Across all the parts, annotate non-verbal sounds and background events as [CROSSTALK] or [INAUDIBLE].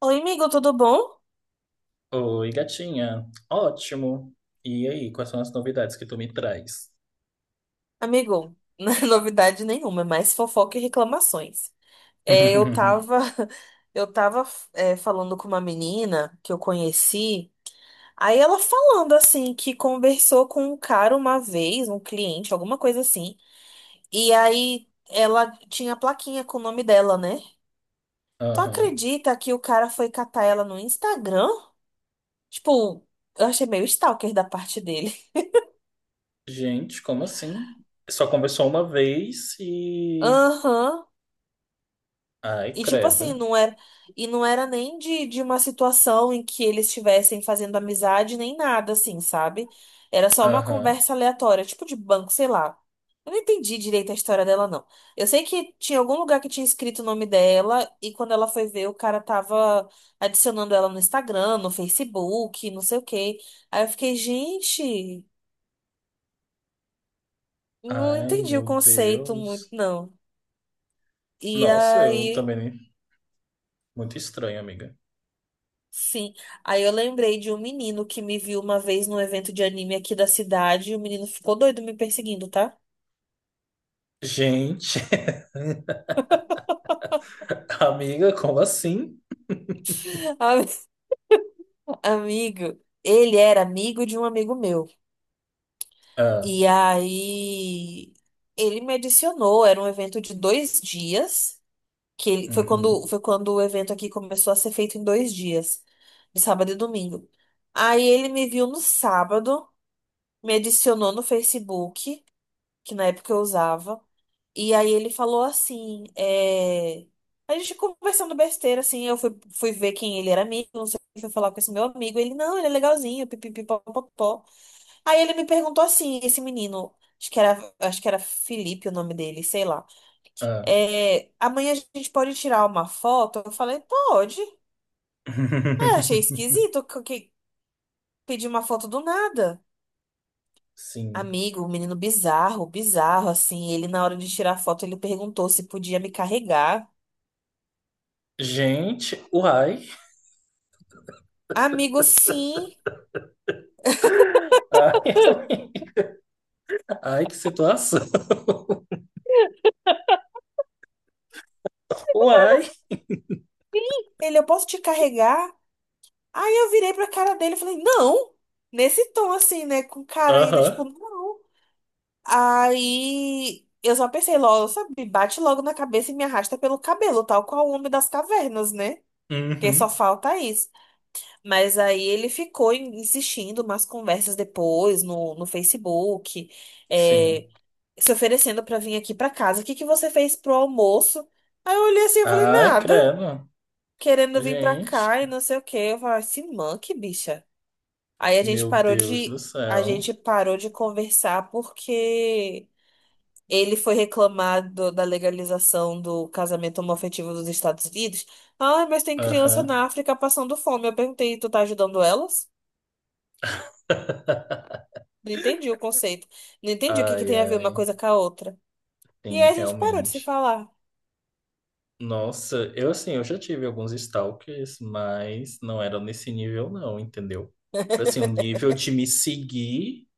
Oi, amigo, tudo bom? Oi, gatinha. Ótimo. E aí, quais são as novidades que tu me traz? Amigo, [LAUGHS] não é novidade nenhuma, é mais fofoca e reclamações. É, eu [LAUGHS] tava, [LAUGHS] eu tava, falando com uma menina que eu conheci, aí ela falando assim que conversou com um cara uma vez, um cliente, alguma coisa assim, e aí ela tinha a plaquinha com o nome dela, né? Tu Aham. acredita que o cara foi catar ela no Instagram? Tipo, eu achei meio stalker da parte dele. Gente, como assim? Só conversou uma vez [LAUGHS] e. Aham. Ai, E tipo assim, credo. E não era nem de uma situação em que eles estivessem fazendo amizade, nem nada assim, sabe? Era só uma Aham. conversa aleatória, tipo de banco, sei lá. Eu não entendi direito a história dela, não. Eu sei que tinha algum lugar que tinha escrito o nome dela, e quando ela foi ver, o cara tava adicionando ela no Instagram, no Facebook, não sei o quê. Aí eu fiquei, gente, não Ai, entendi o meu conceito muito, Deus. não. E Nossa, eu aí. também. Muito estranho, amiga. Sim, aí eu lembrei de um menino que me viu uma vez num evento de anime aqui da cidade e o menino ficou doido me perseguindo, tá? Gente, [LAUGHS] amiga, como assim? [LAUGHS] [LAUGHS] Ami- Amigo, ele era amigo de um amigo meu. Ah, E aí ele me adicionou, era um evento de dois dias, uhum, foi quando o evento aqui começou a ser feito em dois dias, de sábado e domingo. Aí ele me viu no sábado, me adicionou no Facebook, que na época eu usava. E aí ele falou assim, a gente conversando besteira, assim, fui ver quem ele era amigo, não sei o que, fui falar com esse meu amigo, ele, não, ele é legalzinho, pipipipopopó. Aí ele me perguntou assim, esse menino, acho que era Felipe o nome dele, sei lá, ah. Amanhã a gente pode tirar uma foto? Eu falei, pode. Ah, achei [LAUGHS] esquisito, que pedir uma foto do nada. Sim. Amigo, um menino bizarro, bizarro, assim. Ele, na hora de tirar foto, ele perguntou se podia me carregar. Gente, uai. Amigo, sim. Ai, [LAUGHS] amiga. Ai, que situação. [LAUGHS] Uai. Ele, eu posso te carregar? Aí eu virei pra cara dele e falei, não! Nesse tom, assim, né? Com cara ainda, tipo, Aham. não. Aí eu só pensei logo, sabe? Bate logo na cabeça e me arrasta pelo cabelo, tal qual o homem das cavernas, né? Porque só Uhum. falta isso. Mas aí ele ficou insistindo umas conversas depois no Facebook, Sim. é, se oferecendo pra vir aqui pra casa. O que que você fez pro almoço? Aí eu olhei assim e falei, Ai, nada, credo. querendo vir pra Gente. cá e não sei o quê. Eu falei, se manque, bicha. Aí a gente Meu parou Deus do de, A céu. gente parou de conversar porque ele foi reclamar da legalização do casamento homoafetivo dos Estados Unidos. Ah, mas tem criança Aham. na África passando fome. Eu perguntei, tu tá ajudando elas? Não entendi o conceito. Não entendi o que que Ai, tem a ver uma ai. coisa com a outra. E Sim, aí a gente parou de se realmente. falar. Nossa, eu assim, eu já tive alguns stalkers, mas não era nesse nível não, entendeu? Assim, o nível de me seguir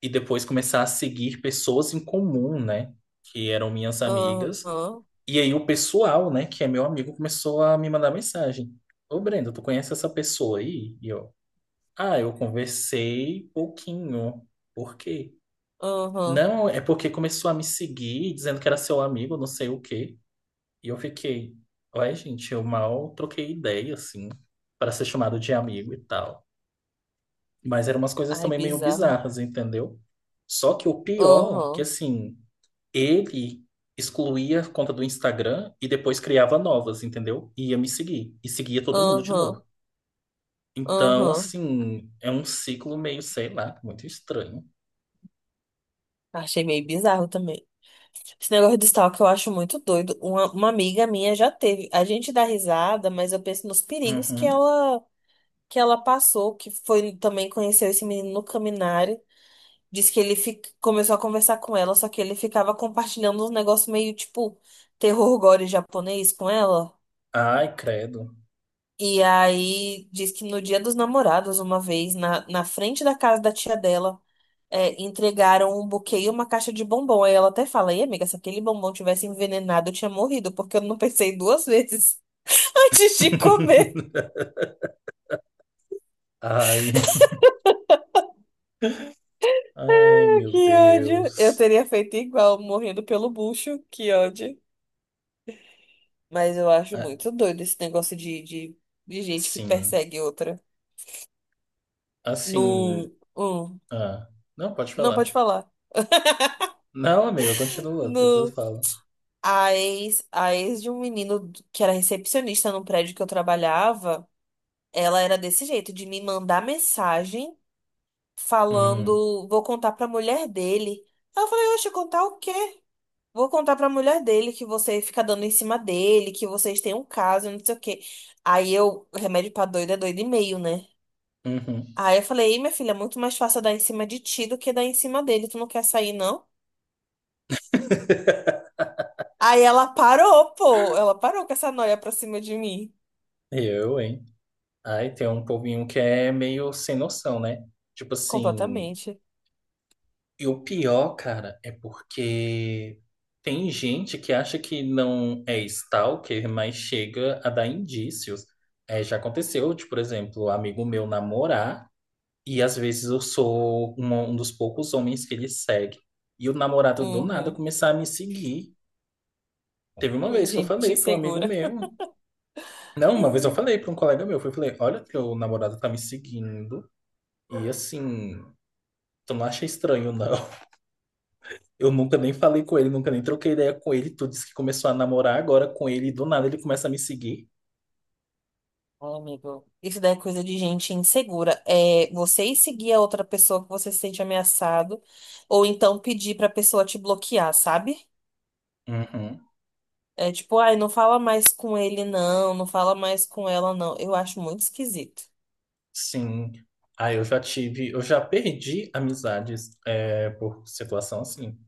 e depois começar a seguir pessoas em comum, né? Que eram minhas amigas. Aham, E aí o pessoal, né, que é meu amigo, começou a me mandar mensagem. Ô, Brenda, tu conhece essa pessoa aí? E eu, ah, eu conversei pouquinho. Por quê? aham. Não, é porque começou a me seguir, dizendo que era seu amigo, não sei o quê. E eu fiquei, ué, gente, eu mal troquei ideia, assim, para ser chamado de amigo e tal. Mas eram umas coisas Ai, também meio bizarro. bizarras, entendeu? Só que o pior, que Aham, assim, ele excluía a conta do Instagram e depois criava novas, entendeu? E ia me seguir. E seguia todo mundo de aham, novo. Então, aham. assim, é um ciclo meio, sei lá, muito estranho. Achei meio bizarro também. Esse negócio de stalker eu acho muito doido. Uma amiga minha já teve. A gente dá risada, mas eu penso nos perigos Uhum. Que ela passou, que foi também conheceu esse menino no Caminhar. Diz que ele começou a conversar com ela, só que ele ficava compartilhando uns negócios meio tipo terror gore japonês com ela. Ai, credo. E aí diz que no dia dos namorados, uma vez, na frente da casa da tia dela, entregaram um buquê e uma caixa de bombom. Aí ela até fala, ei, amiga, se aquele bombom tivesse envenenado, eu tinha morrido, porque eu não pensei duas vezes [LAUGHS] antes de comer. [LAUGHS] [LAUGHS] Ai, ai, Ah, meu que ódio! Eu Deus. teria feito igual, morrendo pelo bucho. Que ódio. Mas eu acho Ah, muito doido esse negócio de gente que sim, persegue outra. assim. No. Hum, Ah, não, pode não falar. pode falar. Não, amiga, continua, depois eu No. falo. A ex de um menino que era recepcionista num prédio que eu trabalhava, ela era desse jeito, de me mandar mensagem Hum, falando, vou contar pra mulher dele. Aí eu falei, oxe, contar o quê? Vou contar pra mulher dele que você fica dando em cima dele, que vocês têm um caso, não sei o quê. Aí eu, remédio pra doido é doido e meio, né? uhum. Aí eu falei, ei, minha filha, é muito mais fácil dar em cima de ti do que dar em cima dele. Tu não quer sair, não? Aí ela parou, pô. Ela parou com essa noia pra cima de mim. Eu, hein? Ai, tem um povinho que é meio sem noção, né? Tipo assim, Completamente. e o pior, cara, é porque tem gente que acha que não é stalker, mas chega a dar indícios. É, já aconteceu, de, por exemplo, um amigo meu namorar, e às vezes eu sou um dos poucos homens que ele segue. E o namorado do nada Uhum. começar a me seguir. Teve uma vez que eu gente falei para um amigo insegura. meu. Não, uma vez eu Hum. falei para um colega meu, eu falei, olha, teu namorado tá me seguindo e assim, tu não acha estranho, não. [LAUGHS] Eu nunca nem falei com ele, nunca nem troquei ideia com ele, tu disse que começou a namorar agora com ele e do nada ele começa a me seguir. Ai, amigo. Isso daí é coisa de gente insegura. É você ir seguir a outra pessoa que você se sente ameaçado, ou então pedir pra pessoa te bloquear, sabe? Uhum, É tipo, ai, não fala mais com ele, não, não fala mais com ela, não. Eu acho muito esquisito. sim. Aí eu já tive, eu já perdi amizades é, por situação assim.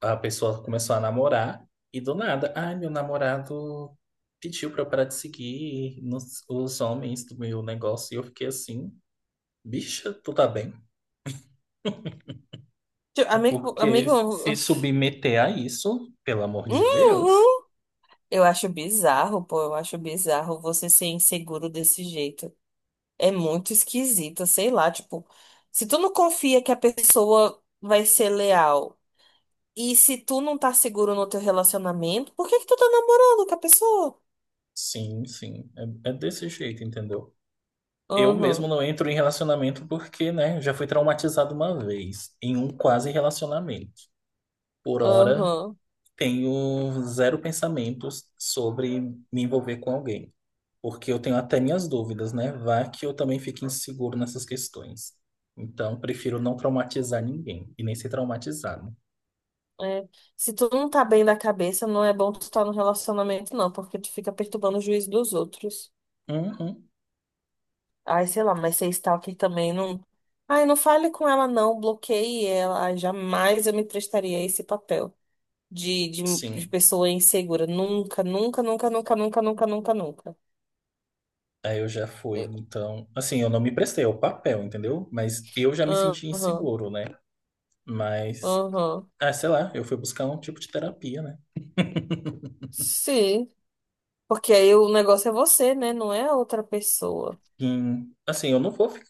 A pessoa começou a namorar e do nada, ai, meu namorado pediu pra eu parar de seguir os homens do meu negócio e eu fiquei assim, bicha, tu tá bem? Tipo, Porque se amigo, [LAUGHS] submeter a isso, pelo amor de Deus, uhum. Eu acho bizarro, pô, eu acho bizarro você ser inseguro desse jeito. É muito esquisita, sei lá, tipo, se tu não confia que a pessoa vai ser leal e se tu não tá seguro no teu relacionamento, por que que tu tá namorando com a pessoa? sim, sim, é, é desse jeito, entendeu? Eu mesmo Aham, não entro em relacionamento porque, né, já fui traumatizado uma vez, em um quase relacionamento. Por hora, aham. tenho zero pensamentos sobre me envolver com alguém, porque eu tenho até minhas dúvidas, né? Vá que eu também fique inseguro nessas questões. Então, prefiro não traumatizar ninguém e nem ser traumatizado. É. Se tu não tá bem da cabeça, não é bom tu estar no relacionamento, não, porque tu fica perturbando o juízo dos outros. Uhum, Ai, sei lá, mas ser stalker também não. Ai, não fale com ela, não, bloqueie ela. Ai, jamais eu me prestaria a esse papel. de, de, de sim. pessoa insegura. Nunca, nunca, nunca, nunca, nunca, nunca, nunca, nunca. Aí eu já fui, É. então. Assim, eu não me prestei ao papel, entendeu? Mas eu já me senti Aham, inseguro, né? Mas, aham. ah, sei lá, eu fui buscar um tipo de terapia, né? Sim. Porque aí o negócio é você, né? Não é a outra pessoa. E, assim, eu não vou. Fi-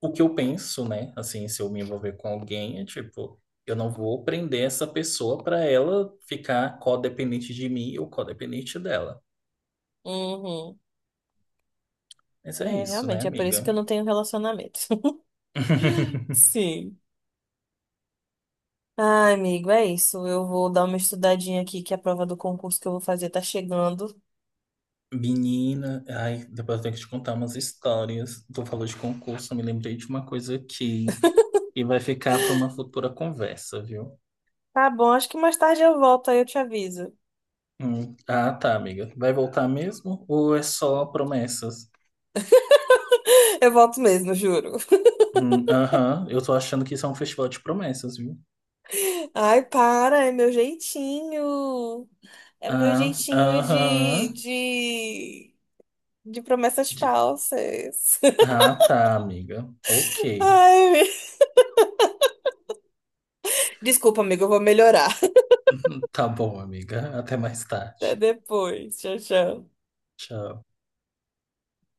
O que eu penso, né? Assim, se eu me envolver com alguém, é tipo, eu não vou prender essa pessoa pra ela ficar codependente de mim ou codependente dela. Uhum. Mas é É, isso, né, realmente, é por isso amiga? que eu não tenho relacionamento. [LAUGHS] [LAUGHS] Sim. Ai, amigo, é isso. Eu vou dar uma estudadinha aqui, que a prova do concurso que eu vou fazer tá chegando. Menina, ai, depois eu tenho que te contar umas histórias. Tu falou de concurso, eu me lembrei de uma coisa aqui. E vai ficar para uma futura conversa, viu? Tá bom, acho que mais tarde eu volto, aí eu te aviso. Ah, tá, amiga. Vai voltar mesmo? Ou é só promessas? [LAUGHS] Eu volto mesmo, juro. Aham, eu tô achando que isso é um festival de promessas, viu? Ai, para, é meu jeitinho. É o meu Ah, jeitinho aham. De promessas De- falsas. Ah, tá, amiga. Ok. [LAUGHS] Ai, me- Desculpa, amigo, eu vou melhorar. Tá bom, amiga. Até mais Até tarde. depois. Tchau, tchau. Tchau.